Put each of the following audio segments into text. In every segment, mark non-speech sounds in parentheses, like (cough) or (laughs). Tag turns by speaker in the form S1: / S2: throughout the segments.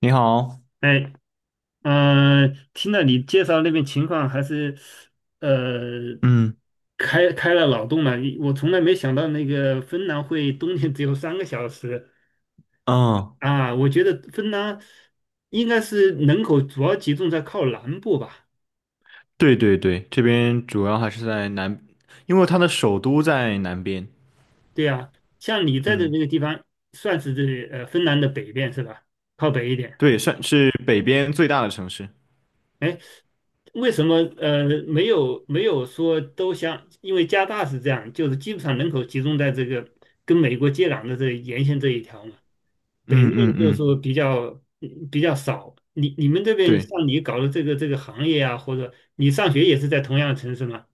S1: 你好。
S2: 哎，听了你介绍那边情况，还是呃
S1: 嗯
S2: 开了脑洞了。我从来没想到那个芬兰会冬天只有3个小时
S1: 嗯，
S2: 啊！我觉得芬兰应该是人口主要集中在靠南部吧？
S1: 对对对，这边主要还是在南，因为它的首都在南边。
S2: 对呀，像你在的
S1: 嗯，
S2: 那个地方，算是芬兰的北边是吧？靠北一点。
S1: 对，算是北边最大的城市。
S2: 哎，为什么没有说都像？因为加拿大是这样，就是基本上人口集中在这个跟美国接壤的这沿线这一条嘛，北
S1: 嗯
S2: 面
S1: 嗯
S2: 就是
S1: 嗯，
S2: 说比较少。你们这边
S1: 对
S2: 像你搞的这个行业啊，或者你上学也是在同样的城市吗？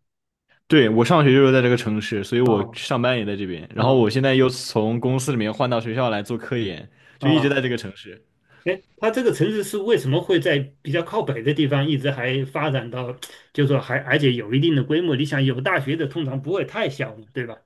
S1: 对，我上学就是在这个城市，所以我
S2: 啊，
S1: 上班也在这边，然后
S2: 啊，
S1: 我现在又从公司里面换到学校来做科研，就一直
S2: 啊！
S1: 在这个城市。
S2: 哎，它这个城市是为什么会在比较靠北的地方一直还发展到，就是说还而且有一定的规模？你想有大学的通常不会太小嘛，对吧？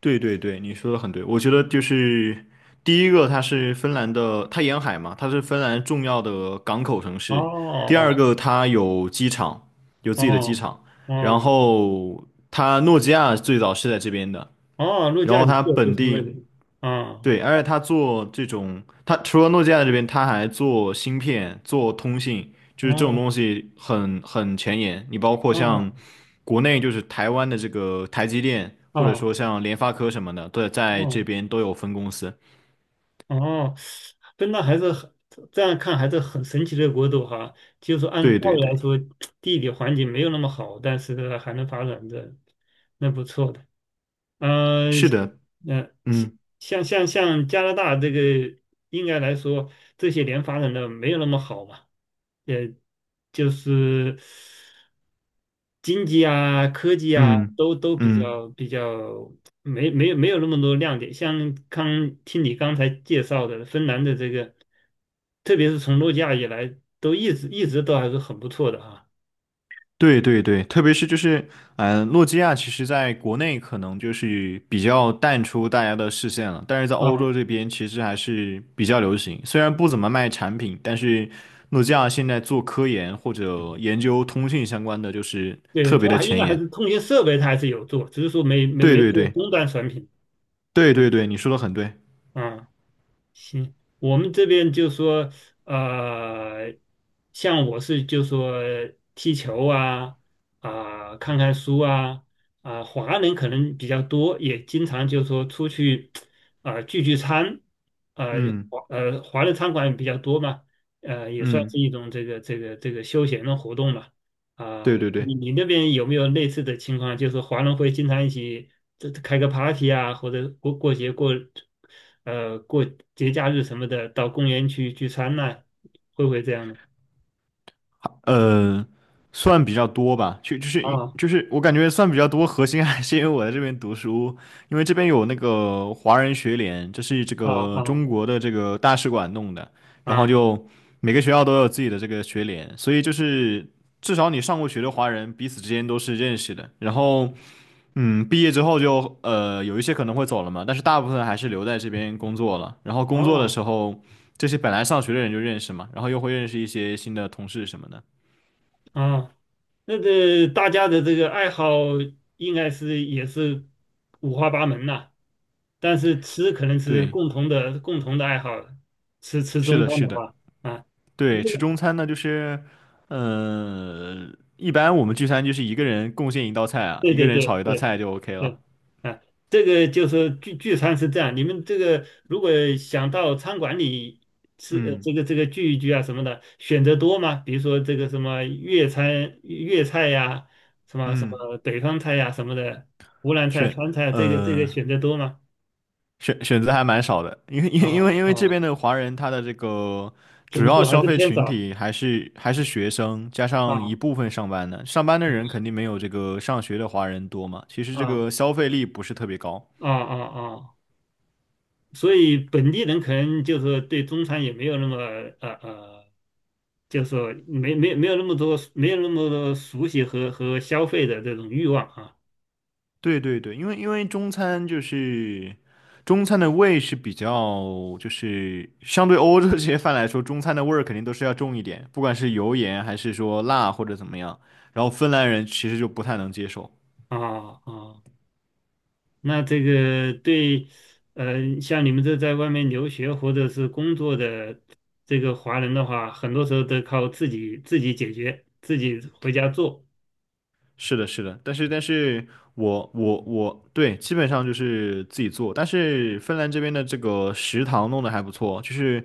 S1: 对对对，你说的很对。我觉得就是第一个，它是芬兰的，它沿海嘛，它是芬兰重要的港口城
S2: 哦，
S1: 市。第二
S2: 哦，
S1: 个，它有机场，有自己的机
S2: 哦，
S1: 场。然
S2: 哦，
S1: 后它诺基亚最早是在这边的，
S2: 哦，陆
S1: 然
S2: 家
S1: 后
S2: 与
S1: 它
S2: 秀就
S1: 本
S2: 是那
S1: 地。
S2: 里，啊，
S1: 对，而且他做这种，他除了诺基亚这边，他还做芯片、做通信，就是这种
S2: 哦，
S1: 东西很前沿。你包括
S2: 哦，
S1: 像国内就是台湾的这个台积电，或者
S2: 哦，
S1: 说像联发科什么的，都在这
S2: 哦，
S1: 边都有分公司。
S2: 哦，真的还是很，这样看还是很神奇的国度哈。就是说按
S1: 对
S2: 道
S1: 对
S2: 理来
S1: 对，
S2: 说，地理环境没有那么好，但是呢还能发展的，那不错的。嗯、
S1: 是的，
S2: 呃，
S1: 嗯
S2: 像加拿大这个，应该来说这些年发展的没有那么好嘛，也就是。经济啊、科技啊，
S1: 嗯
S2: 都比
S1: 嗯。
S2: 较比较没有那么多亮点。像刚听你刚才介绍的芬兰的这个，特别是从诺基亚以来，都一直都还是很不错的啊。
S1: 对对对，特别是就是，诺基亚其实在国内可能就是比较淡出大家的视线了，但是在
S2: 啊，
S1: 欧洲这边其实还是比较流行。虽然不怎么卖产品，但是诺基亚现在做科研或者研究通信相关的，就是
S2: 对，
S1: 特别
S2: 它
S1: 的
S2: 还应
S1: 前
S2: 该还
S1: 沿。
S2: 是通信设备它还是有做，只是说没没
S1: 对
S2: 没
S1: 对
S2: 做
S1: 对
S2: 终端产品
S1: 对对对，你说的很对。
S2: 啊。行，我们这边就说，呃，像我是就说踢球啊，啊、看看书啊，啊，华人可能比较多，也经常就说出去，啊、聚聚餐，呃，
S1: 嗯
S2: 华人餐馆比较多嘛，呃，也算是
S1: 嗯，
S2: 一种这个休闲的活动嘛。
S1: 对
S2: 啊，
S1: 对对。
S2: 你那边有没有类似的情况？就是华人会经常一起开个 party 啊，或者过节假日什么的，到公园去聚餐呐，会不会这样呢？
S1: 呃，算比较多吧，就是
S2: 啊，
S1: 就是我感觉算比较多，核心还是因为我在这边读书，因为这边有那个华人学联，这是这
S2: 啊，
S1: 个
S2: 啊，
S1: 中国的这个大使馆弄的，然后
S2: 啊，
S1: 就每个学校都有自己的这个学联，所以就是至少你上过学的华人彼此之间都是认识的，然后嗯，毕业之后就有一些可能会走了嘛，但是大部分还是留在这边工作了，然后工作的时
S2: 哦，
S1: 候这些本来上学的人就认识嘛，然后又会认识一些新的同事什么的。
S2: 啊，那个大家的这个爱好应该是也是五花八门呐，但是吃可能是
S1: 对，
S2: 共同的爱好，吃吃
S1: 是
S2: 中
S1: 的，
S2: 餐
S1: 是
S2: 的
S1: 的，
S2: 话。啊，
S1: 对，吃
S2: (laughs)
S1: 中餐呢，就是，呃，一般我们聚餐就是一个人贡献一道菜啊，
S2: 对，
S1: 一个
S2: 对，
S1: 人炒
S2: 对，
S1: 一道
S2: 对，
S1: 菜就 OK
S2: 对，
S1: 了。
S2: 啊，这个就是聚聚餐是这样，你们这个如果想到餐馆里吃，
S1: 嗯
S2: 这个聚一聚啊什么的，选择多吗？比如说这个什么粤餐、粤菜呀、什么什
S1: 嗯，
S2: 么北方菜呀、什么的，湖南菜、
S1: 选
S2: 川菜啊，这个
S1: 呃
S2: 选择多吗？
S1: 选择还蛮少的，因为因
S2: 啊，
S1: 为因为因
S2: 啊，
S1: 为这边的华人他的这个主
S2: 总
S1: 要
S2: 数还
S1: 消
S2: 是
S1: 费
S2: 偏
S1: 群
S2: 少。
S1: 体还是学生，加上一
S2: 啊
S1: 部分上班的，上班的人
S2: 啊，
S1: 肯定没有这个上学的华人多嘛，其实这
S2: 啊，
S1: 个消费力不是特别高。
S2: 啊，啊，啊！所以本地人可能就是对中餐也没有那么，呃呃就是说没有那么多熟悉和消费的这种欲望啊。
S1: 对对对，因为中餐就是中餐的味是比较，就是相对欧洲这些饭来说，中餐的味儿肯定都是要重一点，不管是油盐还是说辣或者怎么样。然后芬兰人其实就不太能接受。
S2: 啊，啊，那这个对，像你们这在外面留学或者是工作的这个华人的话，很多时候都靠自己解决，自己回家做
S1: 是的，是的，但是我对，基本上就是自己做，但是芬兰这边的这个食堂弄得还不错，就是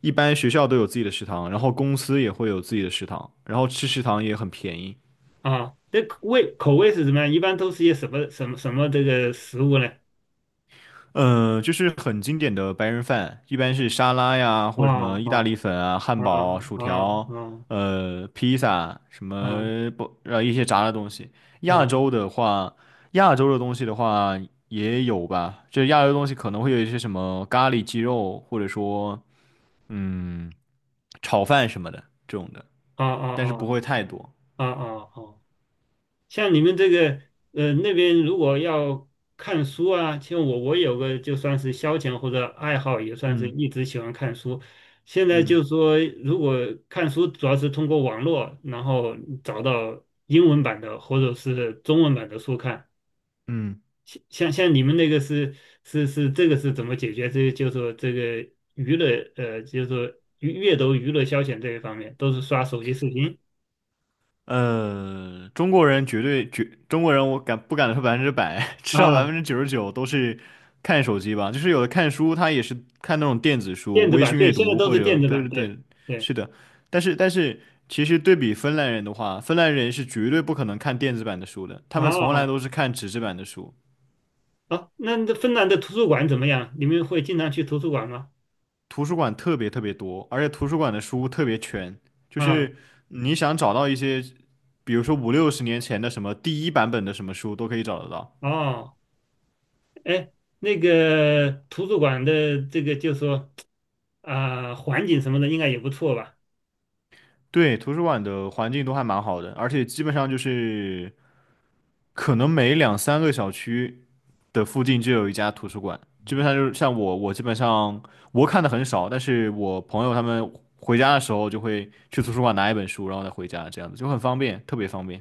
S1: 一般学校都有自己的食堂，然后公司也会有自己的食堂，然后吃食堂也很便宜。
S2: 啊。这口味是什么样？一般都是些什么这个食物呢？
S1: 嗯，就是很经典的白人饭，一般是沙拉呀，
S2: 啊
S1: 或者什
S2: 啊，
S1: 么意大利粉啊、汉
S2: 啊，
S1: 堡、薯
S2: 啊，
S1: 条，
S2: 啊，
S1: 披萨，什
S2: 啊，
S1: 么不，一些炸的东西。亚
S2: 啊，
S1: 洲的话，亚洲的东西的话也有吧，这亚洲的东西可能会有一些什么咖喱鸡肉，或者说嗯，炒饭什么的这种的，
S2: 啊，
S1: 但是不
S2: 啊，
S1: 会太多。
S2: 啊，啊，啊，啊！像你们这个那边如果要看书啊，像我有个就算是消遣或者爱好，也算是
S1: 嗯
S2: 一直喜欢看书。现在就
S1: 嗯
S2: 说如果看书主要是通过网络，然后找到英文版的或者是中文版的书看。
S1: 嗯。
S2: 像你们那个是这个是怎么解决？这就是说这个娱乐，就是说阅读娱乐消遣这一方面，都是刷手机视频
S1: 中国人绝对绝，中国人我敢不敢说百分之百，(laughs) 至少百分
S2: 啊，
S1: 之九十九都是看手机吧。就是有的看书，他也是看那种电子书、
S2: 电子
S1: 微
S2: 版
S1: 信
S2: 对，
S1: 阅
S2: 现在
S1: 读
S2: 都
S1: 或
S2: 是电
S1: 者，
S2: 子
S1: 对
S2: 版
S1: 对
S2: 对。
S1: 对，
S2: 对，
S1: 是的。但是但是，其实对比芬兰人的话，芬兰人是绝对不可能看电子版的书的，他们从来
S2: 哦，
S1: 都是看纸质版的书。
S2: 哦，那芬兰的图书馆怎么样？你们会经常去图书馆吗？
S1: 图书馆特别特别多，而且图书馆的书特别全，就
S2: 啊，
S1: 是你想找到一些，比如说五六十年前的什么第一版本的什么书都可以找得到。
S2: 哦，哎，那个图书馆的这个就说啊、环境什么的应该也不错吧？
S1: 对，图书馆的环境都还蛮好的，而且基本上就是可能每两三个小区的附近就有一家图书馆。基本上就是像我，我基本上我看的很少，但是我朋友他们回家的时候就会去图书馆拿一本书，然后再回家，这样子就很方便，特别方便。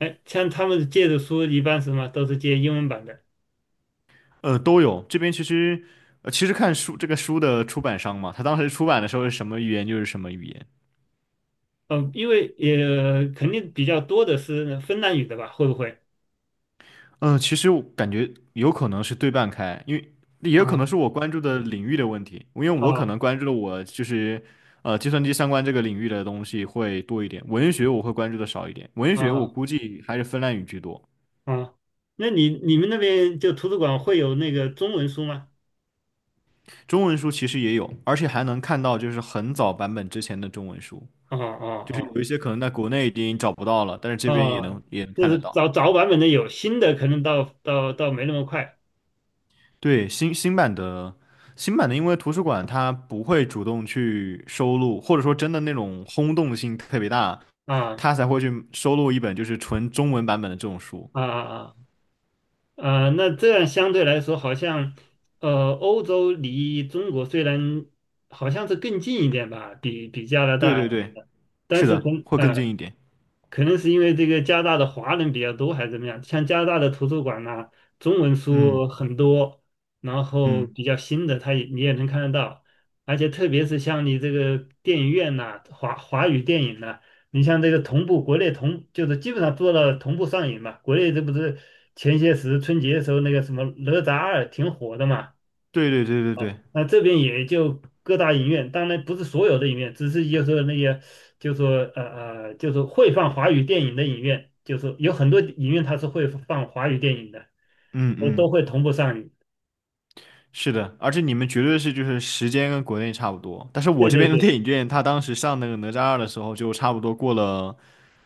S2: 哎，像他们借的书一般什么都是借英文版的，
S1: 都有。这边其实，其实看书这个书的出版商嘛，他当时出版的时候是什么语言就是什么语言。
S2: 嗯、因为也肯定比较多的是芬兰语的吧？会不会？
S1: 嗯，其实我感觉有可能是对半开，因为也有可能
S2: 啊，
S1: 是我关注的领域的问题，因为我可
S2: 啊，
S1: 能关注的我就是计算机相关这个领域的东西会多一点，文学我会关注的少一点，文
S2: 啊，
S1: 学我
S2: 啊！
S1: 估计还是芬兰语居多。
S2: 哦，那你们那边就图书馆会有那个中文书吗？
S1: 中文书其实也有，而且还能看到就是很早版本之前的中文书，
S2: 哦，哦，
S1: 就是
S2: 哦。
S1: 有一些可能在国内已经找不到了，但是这边也
S2: 哦，
S1: 能也能
S2: 就
S1: 看得
S2: 是
S1: 到。
S2: 早早版本的有，新的可能到没那么快。
S1: 对，新版的，因为图书馆它不会主动去收录，或者说真的那种轰动性特别大，
S2: 啊，
S1: 它才会去收录一本就是纯中文版本的这种书。
S2: 啊，啊，啊！啊，那这样相对来说，好像欧洲离中国虽然好像是更近一点吧，比加拿
S1: 对
S2: 大，
S1: 对对，
S2: 但
S1: 是
S2: 是
S1: 的，会更近一点。
S2: 可能是因为这个加拿大的华人比较多，还是怎么样？像加拿大的图书馆呐、中文
S1: 嗯
S2: 书很多，然后
S1: 嗯，
S2: 比较新的，你也能看得到。而且特别是像你这个电影院呐、华语电影呐，你像这个同步国内，就是基本上做到同步上映嘛。国内这不是前些时春节的时候那个什么《哪吒二》挺火的嘛，
S1: 对对对对
S2: 啊，
S1: 对，
S2: 那这边也就各大影院，当然不是所有的影院，只是就是说那些，就是说呃就是说会放华语电影的影院，就是有很多影院它是会放华语电影的，
S1: 嗯
S2: 我都
S1: 嗯。
S2: 会同步上映。
S1: 是的，而且你们绝对是就是时间跟国内差不多，但是我
S2: 对，
S1: 这
S2: 对，
S1: 边的
S2: 对，
S1: 电影院，他当时上那个哪吒二的时候，就差不多过了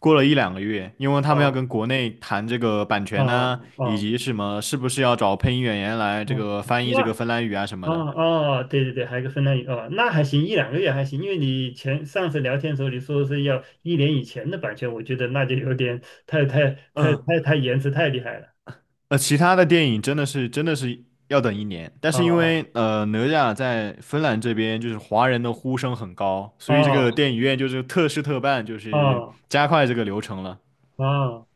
S1: 过了一两个月，因为他们要
S2: 哦，
S1: 跟国内谈这个版权呐、
S2: 哦，
S1: 以
S2: 哦，
S1: 及什么是不是要找配音演员来这
S2: 哦，
S1: 个翻译这
S2: 那，
S1: 个芬兰语啊什么
S2: 哦，
S1: 的。
S2: 哦，对，对，对，还有个芬兰语哦，那还行，一两个月还行，因为你前上次聊天的时候你说是要一年以前的版权，我觉得那就有点太太太
S1: 嗯，
S2: 太太延迟太厉害了。
S1: 其他的电影真的是要等一年，但
S2: 哦，
S1: 是因为
S2: 哦，
S1: 哪吒在芬兰这边就是华人的呼声很高，所以这个
S2: 哦，
S1: 电影院就是特事特办，就是
S2: 哦。
S1: 加快这个流程了。
S2: 哦，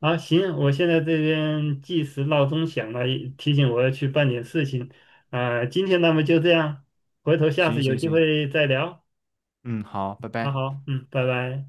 S2: 啊，行，我现在这边计时闹钟响了，提醒我要去办点事情。啊，今天那么就这样，回头下
S1: 行
S2: 次有
S1: 行
S2: 机
S1: 行。
S2: 会再聊。
S1: 嗯，好，拜
S2: 好，
S1: 拜。
S2: 好，嗯，拜拜。